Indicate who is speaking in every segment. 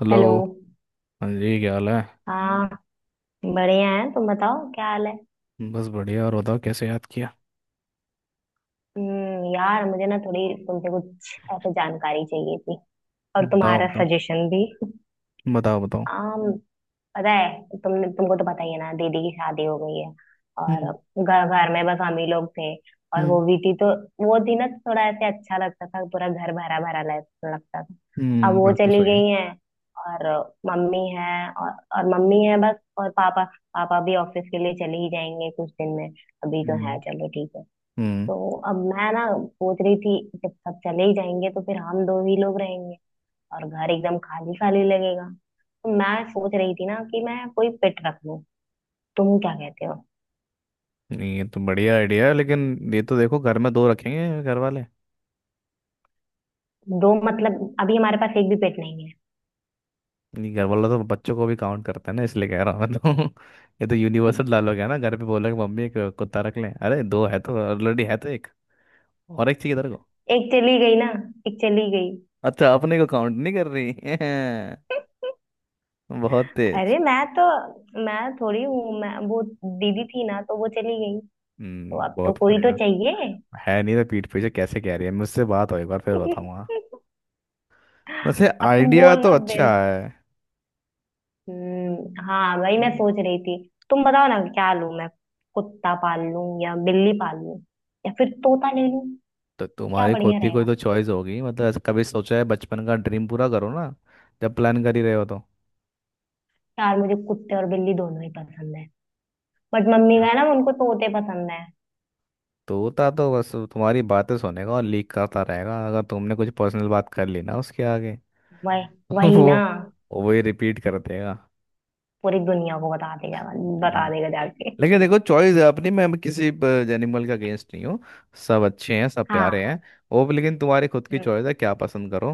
Speaker 1: Hello.
Speaker 2: Hello.
Speaker 1: हाँ जी, क्या हाल है?
Speaker 2: हाँ, बढ़िया है। तुम बताओ क्या हाल है।
Speaker 1: बस बढ़िया। और बताओ, कैसे याद किया?
Speaker 2: यार मुझे ना थोड़ी तुमसे कुछ ऐसे जानकारी चाहिए थी और
Speaker 1: बताओ
Speaker 2: तुम्हारा
Speaker 1: बताओ।
Speaker 2: सजेशन भी।
Speaker 1: बताओ बताओ।
Speaker 2: हाँ, पता है तुमने तुमको तो पता ही है ना दीदी की शादी हो गई है। और
Speaker 1: हम्म।
Speaker 2: घर घर में बस हम ही लोग थे। और
Speaker 1: हम्म।
Speaker 2: वो भी थी तो वो थी ना, थोड़ा ऐसे अच्छा लगता था, पूरा घर भरा भरा लगता था। अब
Speaker 1: हम्म,
Speaker 2: वो
Speaker 1: बात तो
Speaker 2: चली
Speaker 1: सही है।
Speaker 2: गई हैं। और मम्मी है और मम्मी है बस, और पापा। पापा भी ऑफिस के लिए चले ही जाएंगे कुछ दिन में। अभी तो है,
Speaker 1: हम्म।
Speaker 2: चलो ठीक है।
Speaker 1: हम्म।
Speaker 2: तो अब मैं ना सोच रही थी जब सब चले ही जाएंगे तो फिर हम दो ही लोग रहेंगे और घर एकदम खाली खाली लगेगा। तो मैं सोच रही थी ना कि मैं कोई पेट रख लूं। तुम क्या कहते हो।
Speaker 1: नहीं, ये तो बढ़िया आइडिया है, लेकिन ये तो देखो घर में दो रखेंगे घर वाले।
Speaker 2: दो मतलब अभी हमारे पास एक भी पेट नहीं है।
Speaker 1: नहीं, घर वाले तो बच्चों को भी काउंट करते हैं ना, इसलिए कह रहा हूँ मैं। तो ये तो यूनिवर्सल डालोग है ना, घर पे बोला कि मम्मी एक कुत्ता रख लें। अरे दो है तो ऑलरेडी, है तो एक और एक चाहिए तेरे को।
Speaker 2: एक चली गई ना। एक चली गई।
Speaker 1: अच्छा, अपने को काउंट नहीं कर रही। बहुत तेज।
Speaker 2: अरे मैं तो, मैं थोड़ी हूँ मैं वो, दीदी थी ना तो वो चली गई। तो
Speaker 1: हम्म,
Speaker 2: अब तो
Speaker 1: बहुत
Speaker 2: कोई तो
Speaker 1: बढ़िया।
Speaker 2: चाहिए।
Speaker 1: है नहीं तो पीठ पीछे कैसे कह रही है, मुझसे बात हो एक बार फिर बताऊंगा। वैसे
Speaker 2: अब तुम
Speaker 1: आइडिया
Speaker 2: बोल
Speaker 1: तो
Speaker 2: मत
Speaker 1: अच्छा
Speaker 2: देना।
Speaker 1: है।
Speaker 2: हाँ वही मैं
Speaker 1: हम्म।
Speaker 2: सोच रही थी। तुम बताओ ना क्या लूं मैं, कुत्ता पाल लूं या बिल्ली पाल लूं या फिर तोता ले लूं।
Speaker 1: तो
Speaker 2: क्या
Speaker 1: तुम्हारी खुद
Speaker 2: बढ़िया।
Speaker 1: की कोई तो चॉइस होगी। मतलब ऐसा कभी सोचा है? बचपन का ड्रीम पूरा करो ना, जब प्लान कर ही रहे हो तो।
Speaker 2: यार मुझे कुत्ते और बिल्ली दोनों ही पसंद है, बट मम्मी का है ना उनको तोते पसंद है।
Speaker 1: तोता तो बस तुम्हारी बातें सुनेगा और लीक करता रहेगा। अगर तुमने कुछ पर्सनल बात कर ली ना उसके आगे,
Speaker 2: वही।
Speaker 1: तो
Speaker 2: वही ना।
Speaker 1: वो ही रिपीट कर देगा।
Speaker 2: पूरी दुनिया को बता देगा, बता देगा जाके।
Speaker 1: लेकिन देखो, चॉइस है अपनी। मैं किसी एनिमल के अगेंस्ट नहीं हूँ। सब अच्छे हैं, सब प्यारे हैं
Speaker 2: हाँ।
Speaker 1: वो भी। लेकिन तुम्हारी खुद की
Speaker 2: हम्म।
Speaker 1: चॉइस है क्या पसंद करो।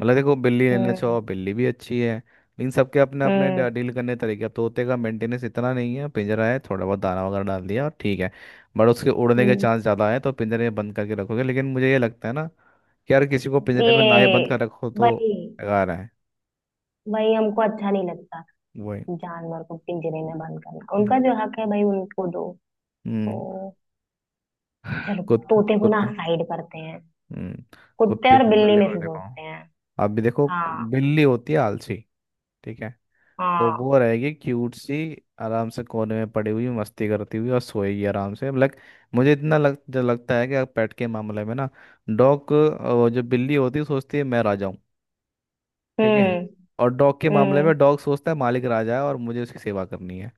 Speaker 1: मतलब देखो, बिल्ली लेना
Speaker 2: हम्म।
Speaker 1: चाहो बिल्ली भी अच्छी है, लेकिन सबके अपने अपने
Speaker 2: हम्म।
Speaker 1: डील करने के तरीके। अब तोते का मेंटेनेंस इतना नहीं है, पिंजरा है, थोड़ा बहुत दाना वगैरह डाल दिया और ठीक है। बट उसके उड़ने के
Speaker 2: हम्म।
Speaker 1: चांस ज़्यादा है, तो पिंजरे में बंद करके रखोगे। लेकिन मुझे ये लगता है ना कि यार किसी को
Speaker 2: ये।
Speaker 1: पिंजरे में ना ही बंद कर रखो तो।
Speaker 2: वही।
Speaker 1: बेकार है
Speaker 2: वही हमको अच्छा नहीं लगता,
Speaker 1: वही।
Speaker 2: जानवर को पिंजरे में बंद करना, उनका जो हक है भाई उनको दो। तो
Speaker 1: हम्म।
Speaker 2: चलो
Speaker 1: कुत
Speaker 2: तोते को ना
Speaker 1: कुत्ता।
Speaker 2: साइड करते हैं,
Speaker 1: हम्म।
Speaker 2: कुत्ते
Speaker 1: कुत्ते
Speaker 2: और
Speaker 1: और
Speaker 2: बिल्ली
Speaker 1: बिल्ली
Speaker 2: में
Speaker 1: को
Speaker 2: से
Speaker 1: देखो।
Speaker 2: सोचते हैं।
Speaker 1: अब भी देखो,
Speaker 2: हाँ।
Speaker 1: बिल्ली होती है आलसी, ठीक है? तो
Speaker 2: हाँ।
Speaker 1: वो रहेगी क्यूट सी, आराम से कोने में पड़ी हुई, मस्ती करती हुई, और सोएगी आराम से। लाइक, मुझे इतना लग जो लगता है कि पेट के मामले में ना, डॉग, जो बिल्ली होती है सोचती है मैं राजा हूँ, ठीक है?
Speaker 2: हम्म।
Speaker 1: और डॉग के मामले
Speaker 2: हम्म।
Speaker 1: में डॉग सोचता है मालिक राजा है और मुझे उसकी सेवा करनी है।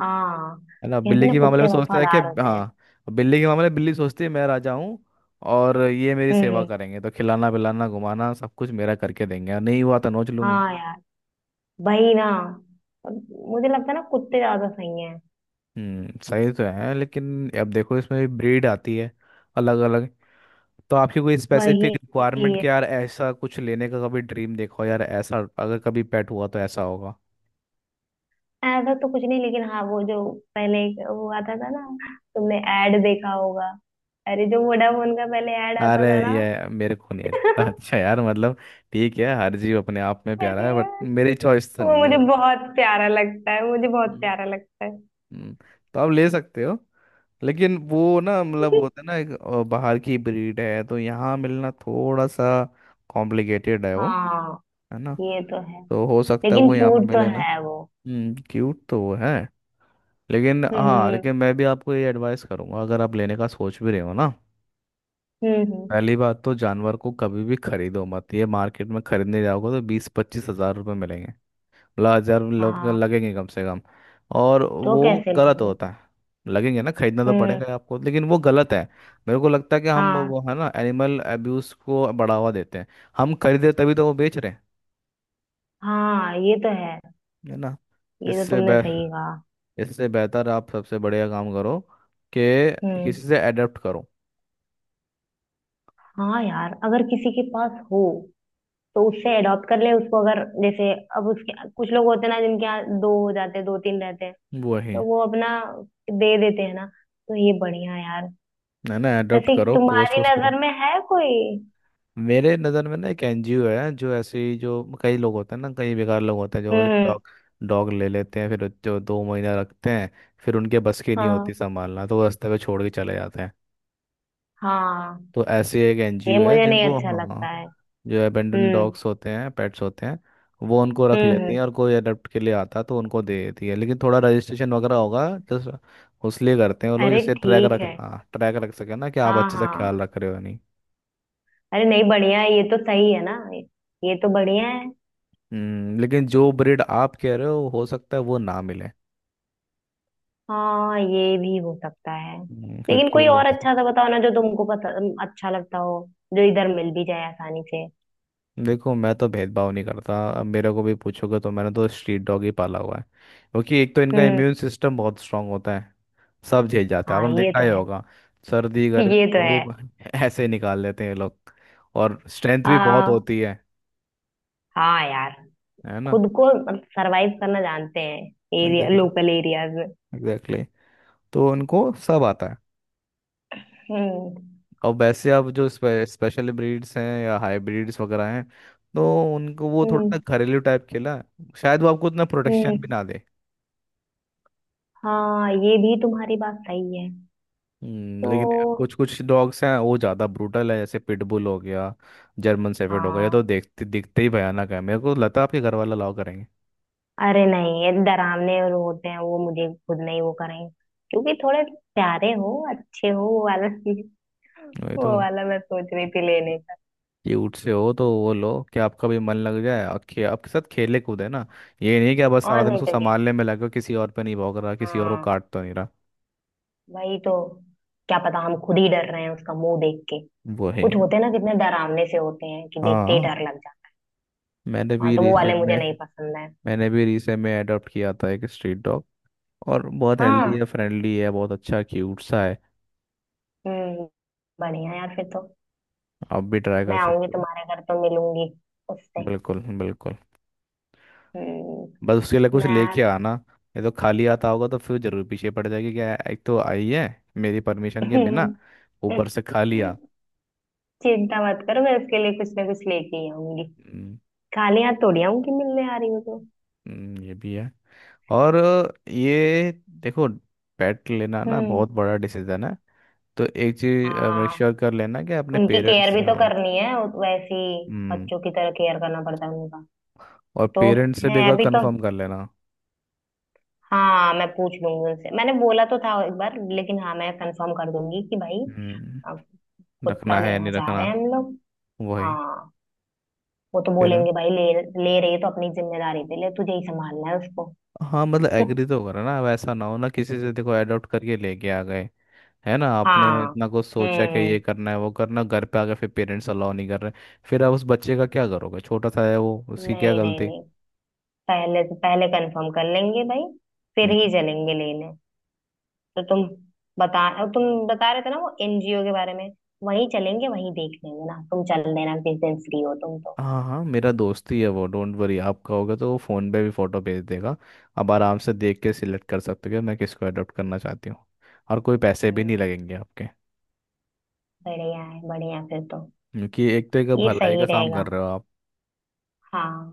Speaker 2: हाँ
Speaker 1: है ना?
Speaker 2: कहते हैं
Speaker 1: बिल्ली
Speaker 2: ना
Speaker 1: के मामले में
Speaker 2: कुत्ते
Speaker 1: सोचता है कि
Speaker 2: वफादार होते हैं।
Speaker 1: हाँ, बिल्ली के मामले में बिल्ली सोचती है मैं राजा हूँ और ये मेरी सेवा
Speaker 2: हम्म।
Speaker 1: करेंगे, तो खिलाना पिलाना घुमाना सब कुछ मेरा करके देंगे, और नहीं हुआ तो नोच लूंगी।
Speaker 2: हाँ यार, वही ना। मुझे लगता है ना कुत्ते ज्यादा सही हैं।
Speaker 1: हम्म, सही तो है। लेकिन अब देखो, इसमें भी ब्रीड आती है अलग अलग। तो आपकी कोई स्पेसिफिक
Speaker 2: वही।
Speaker 1: रिक्वायरमेंट कि यार ऐसा कुछ लेने का? कभी ड्रीम देखो यार ऐसा, अगर कभी पेट हुआ तो ऐसा होगा।
Speaker 2: ऐसा तो कुछ नहीं लेकिन हाँ वो जो पहले एक वो आता था ना, तुमने एड देखा होगा। अरे जो वोडाफोन का पहले एड आता
Speaker 1: अरे
Speaker 2: था ना।
Speaker 1: ये मेरे को नहीं लगता। अच्छा यार, मतलब ठीक है, हर जीव अपने आप में
Speaker 2: अरे
Speaker 1: प्यारा है, बट
Speaker 2: यार,
Speaker 1: मेरी चॉइस तो
Speaker 2: वो
Speaker 1: नहीं है
Speaker 2: मुझे
Speaker 1: वो।
Speaker 2: बहुत प्यारा लगता है, मुझे बहुत
Speaker 1: हम्म।
Speaker 2: प्यारा लगता है।
Speaker 1: हम्म, तो आप ले सकते हो। लेकिन वो ना, मतलब होता है ना एक, बाहर की ब्रीड है तो यहाँ मिलना थोड़ा सा कॉम्प्लिकेटेड है वो।
Speaker 2: हाँ
Speaker 1: है ना?
Speaker 2: ये तो है।
Speaker 1: तो हो सकता है
Speaker 2: लेकिन
Speaker 1: वो यहाँ पे
Speaker 2: क्यूट तो
Speaker 1: मिले ना।
Speaker 2: है वो।
Speaker 1: हम्म, क्यूट तो वो है। लेकिन हाँ,
Speaker 2: हम्म।
Speaker 1: लेकिन मैं भी आपको ये एडवाइस करूंगा, अगर आप लेने का सोच भी रहे हो ना,
Speaker 2: हम्म।
Speaker 1: पहली बात तो जानवर को कभी भी खरीदो मत। ये मार्केट में खरीदने जाओगे तो 20-25 हज़ार रुपये मिलेंगे। मतलब हजार लोग
Speaker 2: हाँ।
Speaker 1: लगेंगे कम से कम। और
Speaker 2: तो
Speaker 1: वो
Speaker 2: कैसे
Speaker 1: गलत
Speaker 2: लेंगे।
Speaker 1: होता है। लगेंगे ना, खरीदना तो
Speaker 2: हम्म।
Speaker 1: पड़ेगा आपको, लेकिन वो गलत है। मेरे को लगता है कि हम
Speaker 2: हाँ
Speaker 1: वो है ना एनिमल अब्यूज को बढ़ावा देते हैं। हम खरीदे तभी तो वो बेच रहे हैं।
Speaker 2: हाँ ये तो है।
Speaker 1: है ना?
Speaker 2: ये तो
Speaker 1: इससे
Speaker 2: तुमने
Speaker 1: बे
Speaker 2: सही कहा।
Speaker 1: इससे बेहतर आप सबसे बढ़िया काम करो कि
Speaker 2: हम्म।
Speaker 1: किसी से अडॉप्ट करो।
Speaker 2: हाँ यार, अगर किसी के पास हो तो उससे अडॉप्ट कर ले उसको। अगर जैसे अब उसके कुछ लोग होते हैं ना जिनके यहाँ दो हो जाते हैं, दो तीन रहते हैं,
Speaker 1: वही।
Speaker 2: तो वो अपना दे देते हैं ना। तो ये बढ़िया है यार।
Speaker 1: है ना, अडॉप्ट
Speaker 2: वैसे
Speaker 1: करो, पोस्ट
Speaker 2: तुम्हारी
Speaker 1: वोस्ट करो।
Speaker 2: नजर में है कोई।
Speaker 1: मेरे नज़र में ना एक एनजीओ है, जो ऐसे ही, जो कई लोग होते हैं ना, कई बेकार लोग होते हैं जो
Speaker 2: हम्म।
Speaker 1: डॉग, डॉग ले लेते हैं फिर, जो दो महीना रखते हैं, फिर उनके बस की नहीं होती
Speaker 2: हाँ।
Speaker 1: संभालना तो वो रास्ते पे छोड़ के चले जाते हैं।
Speaker 2: हाँ
Speaker 1: तो ऐसे एक
Speaker 2: ये
Speaker 1: एनजीओ है
Speaker 2: मुझे नहीं
Speaker 1: जिनको,
Speaker 2: अच्छा
Speaker 1: हाँ,
Speaker 2: लगता है।
Speaker 1: जो अबेंडन
Speaker 2: हम्म।
Speaker 1: डॉग्स होते हैं, पेट्स होते हैं, वो उनको रख
Speaker 2: हम्म।
Speaker 1: लेती
Speaker 2: हम्म।
Speaker 1: हैं। और कोई अडॉप्ट के लिए आता तो उनको दे देती है। लेकिन थोड़ा रजिस्ट्रेशन वगैरह होगा, जस्ट उस लिए करते हैं वो लोग,
Speaker 2: अरे
Speaker 1: जैसे ट्रैक
Speaker 2: ठीक
Speaker 1: रख,
Speaker 2: है।
Speaker 1: हाँ ट्रैक रख सके ना कि आप
Speaker 2: हाँ
Speaker 1: अच्छे से
Speaker 2: हाँ।
Speaker 1: ख्याल रख रहे हो या नहीं।
Speaker 2: अरे नहीं बढ़िया है, ये तो सही है ना। ये तो बढ़िया है।
Speaker 1: लेकिन जो ब्रीड आप कह रहे हो सकता है वो ना मिले।
Speaker 2: हाँ ये भी हो सकता है। लेकिन
Speaker 1: क्योंकि
Speaker 2: कोई
Speaker 1: वो,
Speaker 2: और अच्छा सा बताओ ना जो तुमको पसंद, अच्छा लगता हो, जो इधर मिल भी जाए आसानी से।
Speaker 1: देखो मैं तो भेदभाव नहीं करता। अब मेरे को भी पूछोगे तो मैंने तो स्ट्रीट डॉग ही पाला हुआ है, क्योंकि एक तो इनका
Speaker 2: हम्म।
Speaker 1: इम्यून सिस्टम बहुत स्ट्रांग होता है। सब झेल जाता है,
Speaker 2: हाँ
Speaker 1: आपने
Speaker 2: ये
Speaker 1: देखा
Speaker 2: तो
Speaker 1: ही
Speaker 2: है।
Speaker 1: होगा, सर्दी गर्मी
Speaker 2: ये तो है।
Speaker 1: धूप। ऐसे निकाल लेते हैं ये लोग। और स्ट्रेंथ भी बहुत
Speaker 2: हाँ।
Speaker 1: होती है
Speaker 2: हाँ यार,
Speaker 1: है ना?
Speaker 2: खुद को सरवाइव करना जानते हैं, एरिया,
Speaker 1: एग्जैक्टली।
Speaker 2: लोकल एरियाज में।
Speaker 1: एग्जैक्टली। तो उनको सब आता है।
Speaker 2: हम्म।
Speaker 1: और वैसे अब जो स्पेशल ब्रीड्स हैं या हाइब्रिड्स वगैरह हैं, तो उनको वो
Speaker 2: हम्म।
Speaker 1: थोड़ा सा घरेलू टाइप खेला है शायद, वो आपको उतना प्रोटेक्शन
Speaker 2: हम्म।
Speaker 1: भी ना दे।
Speaker 2: हाँ ये भी तुम्हारी बात सही है।
Speaker 1: लेकिन
Speaker 2: तो
Speaker 1: कुछ कुछ डॉग्स हैं वो ज़्यादा ब्रूटल है, जैसे पिटबुल हो गया, जर्मन शेफर्ड हो गया, ये तो
Speaker 2: हाँ,
Speaker 1: देखते दिखते ही भयानक है। मेरे को लगता है आपके घर वाला अलाउ करेंगे?
Speaker 2: अरे नहीं ये डरावने और होते हैं वो, मुझे खुद नहीं, वो करेंगे क्योंकि थोड़े प्यारे हो अच्छे हो वो वाला,
Speaker 1: वही तो।
Speaker 2: वो वाला मैं सोच रही थी लेने का।
Speaker 1: क्यूट से हो तो वो लो, कि आपका भी मन लग जाए और आपके साथ खेले कूदे ना। ये नहीं कि आप बस
Speaker 2: और
Speaker 1: सारा दिन
Speaker 2: नहीं
Speaker 1: उसको
Speaker 2: तो क्या।
Speaker 1: संभालने में लगे हो, किसी और पे नहीं भौंक रहा, किसी और को
Speaker 2: हाँ।
Speaker 1: काट तो नहीं रहा।
Speaker 2: वही तो। क्या पता हम खुद ही डर रहे हैं उसका मुंह देख के।
Speaker 1: वो है।
Speaker 2: कुछ होते हैं ना, कितने डरावने से होते हैं कि देखते ही
Speaker 1: हाँ,
Speaker 2: डर लग जाता
Speaker 1: मैंने
Speaker 2: है। हाँ
Speaker 1: भी
Speaker 2: तो वो वाले
Speaker 1: रिसेंट
Speaker 2: मुझे
Speaker 1: में,
Speaker 2: नहीं पसंद है।
Speaker 1: मैंने भी रिसेंट में अडॉप्ट किया था एक स्ट्रीट डॉग। और बहुत हेल्दी
Speaker 2: हाँ।
Speaker 1: है, फ्रेंडली है, बहुत अच्छा क्यूट सा है।
Speaker 2: हम्म। बढ़िया यार फिर तो।
Speaker 1: आप भी ट्राई कर
Speaker 2: मैं आऊंगी
Speaker 1: सकते हो।
Speaker 2: तुम्हारे घर तो मिलूंगी उससे।
Speaker 1: बिल्कुल बिल्कुल।
Speaker 2: हम्म।
Speaker 1: बस उसके लिए कुछ लेके
Speaker 2: मैं
Speaker 1: आना। ये तो खाली आता होगा तो फिर जरूर पीछे पड़ जाएगी, क्या एक तो आई है मेरी परमिशन के बिना, ऊपर से खाली।
Speaker 2: चिंता मत करो, मैं उसके लिए कुछ ना कुछ लेके ही आऊंगी।
Speaker 1: आ,
Speaker 2: खाली हाथ थोड़ी आऊंगी मिलने आ रही हो तो।
Speaker 1: ये भी है। और ये, देखो, पेट लेना ना
Speaker 2: हम्म।
Speaker 1: बहुत बड़ा डिसीजन है। तो एक चीज मेक
Speaker 2: हाँ।
Speaker 1: श्योर कर लेना कि अपने
Speaker 2: उनकी
Speaker 1: पेरेंट्स
Speaker 2: केयर
Speaker 1: से,
Speaker 2: भी तो
Speaker 1: हाँ,
Speaker 2: करनी है, वैसे ही
Speaker 1: हम्म,
Speaker 2: बच्चों की तरह केयर करना पड़ता है उनका।
Speaker 1: और
Speaker 2: तो
Speaker 1: पेरेंट्स से भी एक
Speaker 2: है
Speaker 1: बार
Speaker 2: अभी तो।
Speaker 1: कंफर्म कर लेना।
Speaker 2: हाँ मैं पूछ लूंगी उनसे, मैंने बोला तो था एक बार लेकिन हाँ मैं कंफर्म कर दूंगी कि भाई अ,
Speaker 1: हम्म,
Speaker 2: कुत्ता
Speaker 1: रखना है या
Speaker 2: लेना
Speaker 1: नहीं
Speaker 2: चाह
Speaker 1: रखना।
Speaker 2: रहे हैं हम लोग।
Speaker 1: वही।
Speaker 2: हाँ वो तो
Speaker 1: फिर,
Speaker 2: बोलेंगे भाई ले। ले रही है तो अपनी जिम्मेदारी पे ले, तुझे ही संभालना है उसको।
Speaker 1: हाँ मतलब एग्री तो करो ना, अब ऐसा ना हो ना किसी से देखो अडॉप्ट करके लेके आ गए, है ना, आपने
Speaker 2: हाँ।
Speaker 1: इतना कुछ सोचा कि ये
Speaker 2: हम्म।
Speaker 1: करना है वो करना, घर पे आके फिर पेरेंट्स अलाउ नहीं कर रहे। फिर आप उस बच्चे का क्या करोगे? छोटा सा है वो, उसकी क्या
Speaker 2: नहीं नहीं
Speaker 1: गलती?
Speaker 2: नहीं, पहले पहले कंफर्म कर लेंगे भाई, फिर ही
Speaker 1: हम्म।
Speaker 2: चलेंगे लेने। तो तुम बता, तुम बता रहे थे ना वो एनजीओ के बारे में, वहीं चलेंगे वहीं देख लेंगे ना। तुम चल देना जिस दिन फ्री हो तुम तो।
Speaker 1: हाँ हाँ, मेरा दोस्त ही है वो। डोंट वरी, आपका होगा तो वो फ़ोन पे भी फ़ोटो भेज देगा। आप आराम से देख के सिलेक्ट कर सकते हो कि मैं किसको अडॉप्ट करना चाहती हूँ। और कोई पैसे भी नहीं
Speaker 2: हम्म।
Speaker 1: लगेंगे आपके,
Speaker 2: बढ़िया है, बढ़िया फिर तो।
Speaker 1: क्योंकि एक तो एक
Speaker 2: ये
Speaker 1: भलाई
Speaker 2: सही
Speaker 1: का काम कर
Speaker 2: रहेगा।
Speaker 1: रहे हो आप।
Speaker 2: हाँ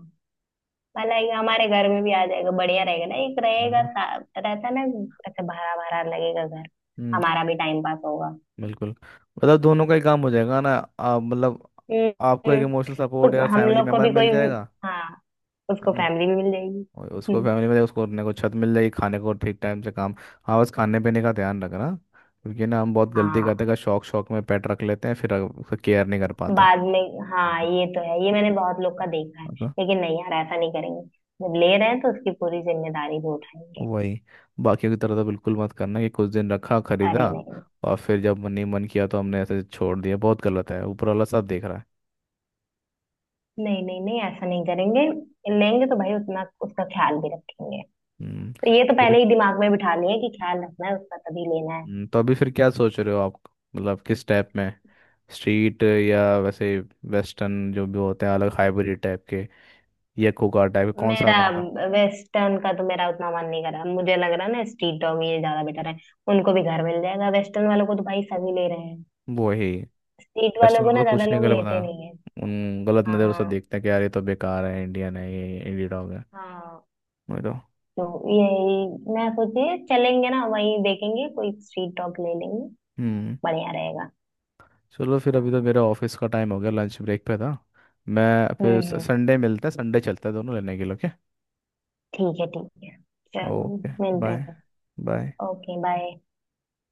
Speaker 2: भला, ये हमारे घर में भी आ जाएगा, बढ़िया रहेगा ना, एक
Speaker 1: है
Speaker 2: रहेगा
Speaker 1: ना?
Speaker 2: रहता है ना, ऐसे भरा भरा लगेगा घर।
Speaker 1: हम्म।
Speaker 2: हमारा भी टाइम पास होगा।
Speaker 1: बिल्कुल। मतलब दोनों का ही काम हो जाएगा ना। आप मतलब,
Speaker 2: हम्म।
Speaker 1: आपको एक
Speaker 2: हम्म।
Speaker 1: इमोशनल सपोर्ट
Speaker 2: उस
Speaker 1: या
Speaker 2: हम
Speaker 1: फैमिली
Speaker 2: लोग को
Speaker 1: मेम्बर
Speaker 2: भी
Speaker 1: मिल
Speaker 2: कोई,
Speaker 1: जाएगा।
Speaker 2: हाँ,
Speaker 1: है
Speaker 2: उसको
Speaker 1: ना?
Speaker 2: फैमिली भी मिल जाएगी।
Speaker 1: और उसको
Speaker 2: हम्म,
Speaker 1: फैमिली में उसको अपने को छत मिल जाएगी, खाने को ठीक टाइम से, काम। हाँ बस खाने पीने का ध्यान रखना, क्योंकि ना हम बहुत गलती करते
Speaker 2: हाँ।
Speaker 1: हैं, शौक शौक में पेट रख लेते हैं फिर उसका केयर नहीं कर पाते।
Speaker 2: बाद में। हाँ
Speaker 1: हम्म।
Speaker 2: ये तो है, ये मैंने बहुत लोग का देखा है।
Speaker 1: हाँ, तो,
Speaker 2: लेकिन नहीं यार ऐसा नहीं करेंगे, जब ले रहे हैं तो उसकी पूरी जिम्मेदारी भी उठाएंगे।
Speaker 1: वही, बाकियों की तरह तो बिल्कुल मत करना कि कुछ दिन रखा, खरीदा
Speaker 2: अरे नहीं
Speaker 1: और फिर जब मन ही मन किया तो हमने ऐसे छोड़ दिया। बहुत गलत है, ऊपर वाला सब देख रहा है।
Speaker 2: नहीं नहीं नहीं ऐसा नहीं करेंगे, लेंगे तो भाई उतना उसका ख्याल भी रखेंगे।
Speaker 1: हम्म।
Speaker 2: तो ये तो
Speaker 1: फिर,
Speaker 2: पहले ही दिमाग में बिठा लिए कि ख्याल रखना है उसका तभी लेना है।
Speaker 1: तो अभी फिर क्या सोच रहे हो आप, मतलब किस टाइप में? स्ट्रीट, या वैसे वेस्टर्न जो भी होते हैं अलग हाइब्रिड टाइप के, या कोका टाइप कौन सा
Speaker 2: मेरा,
Speaker 1: बनना?
Speaker 2: वेस्टर्न का तो मेरा उतना मन नहीं कर रहा, मुझे लग रहा है ना स्ट्रीट डॉग ये ज्यादा बेटर है। उनको भी घर मिल जाएगा, वेस्टर्न वालों को तो भाई सभी ले रहे हैं,
Speaker 1: वो ही।
Speaker 2: स्ट्रीट वालों
Speaker 1: वेस्टर्न
Speaker 2: को
Speaker 1: लोग
Speaker 2: ना
Speaker 1: तो
Speaker 2: ज्यादा
Speaker 1: कुछ नहीं,
Speaker 2: लोग
Speaker 1: गलत बता,
Speaker 2: लेते नहीं है।
Speaker 1: उन गलत नज़रों से
Speaker 2: हाँ।
Speaker 1: देखते हैं कि यार ये तो बेकार है, इंडियन है, ये इंडी डॉग है।
Speaker 2: हाँ
Speaker 1: वही तो।
Speaker 2: तो यही मैं सोची, चलेंगे ना वहीं देखेंगे कोई स्ट्रीट डॉग ले लेंगे।
Speaker 1: हम्म।
Speaker 2: बढ़िया रहेगा।
Speaker 1: चलो फिर, अभी तो
Speaker 2: हाँ।
Speaker 1: मेरा ऑफिस का टाइम हो गया, लंच ब्रेक पे था मैं। फिर
Speaker 2: हम्म। हम्म।
Speaker 1: संडे मिलते हैं, संडे चलते हैं दोनों लेने के लिए। ओके।
Speaker 2: ठीक है ठीक है। चलो
Speaker 1: ओके।
Speaker 2: मिलते
Speaker 1: बाय।
Speaker 2: हैं फिर।
Speaker 1: बाय।
Speaker 2: Okay, bye.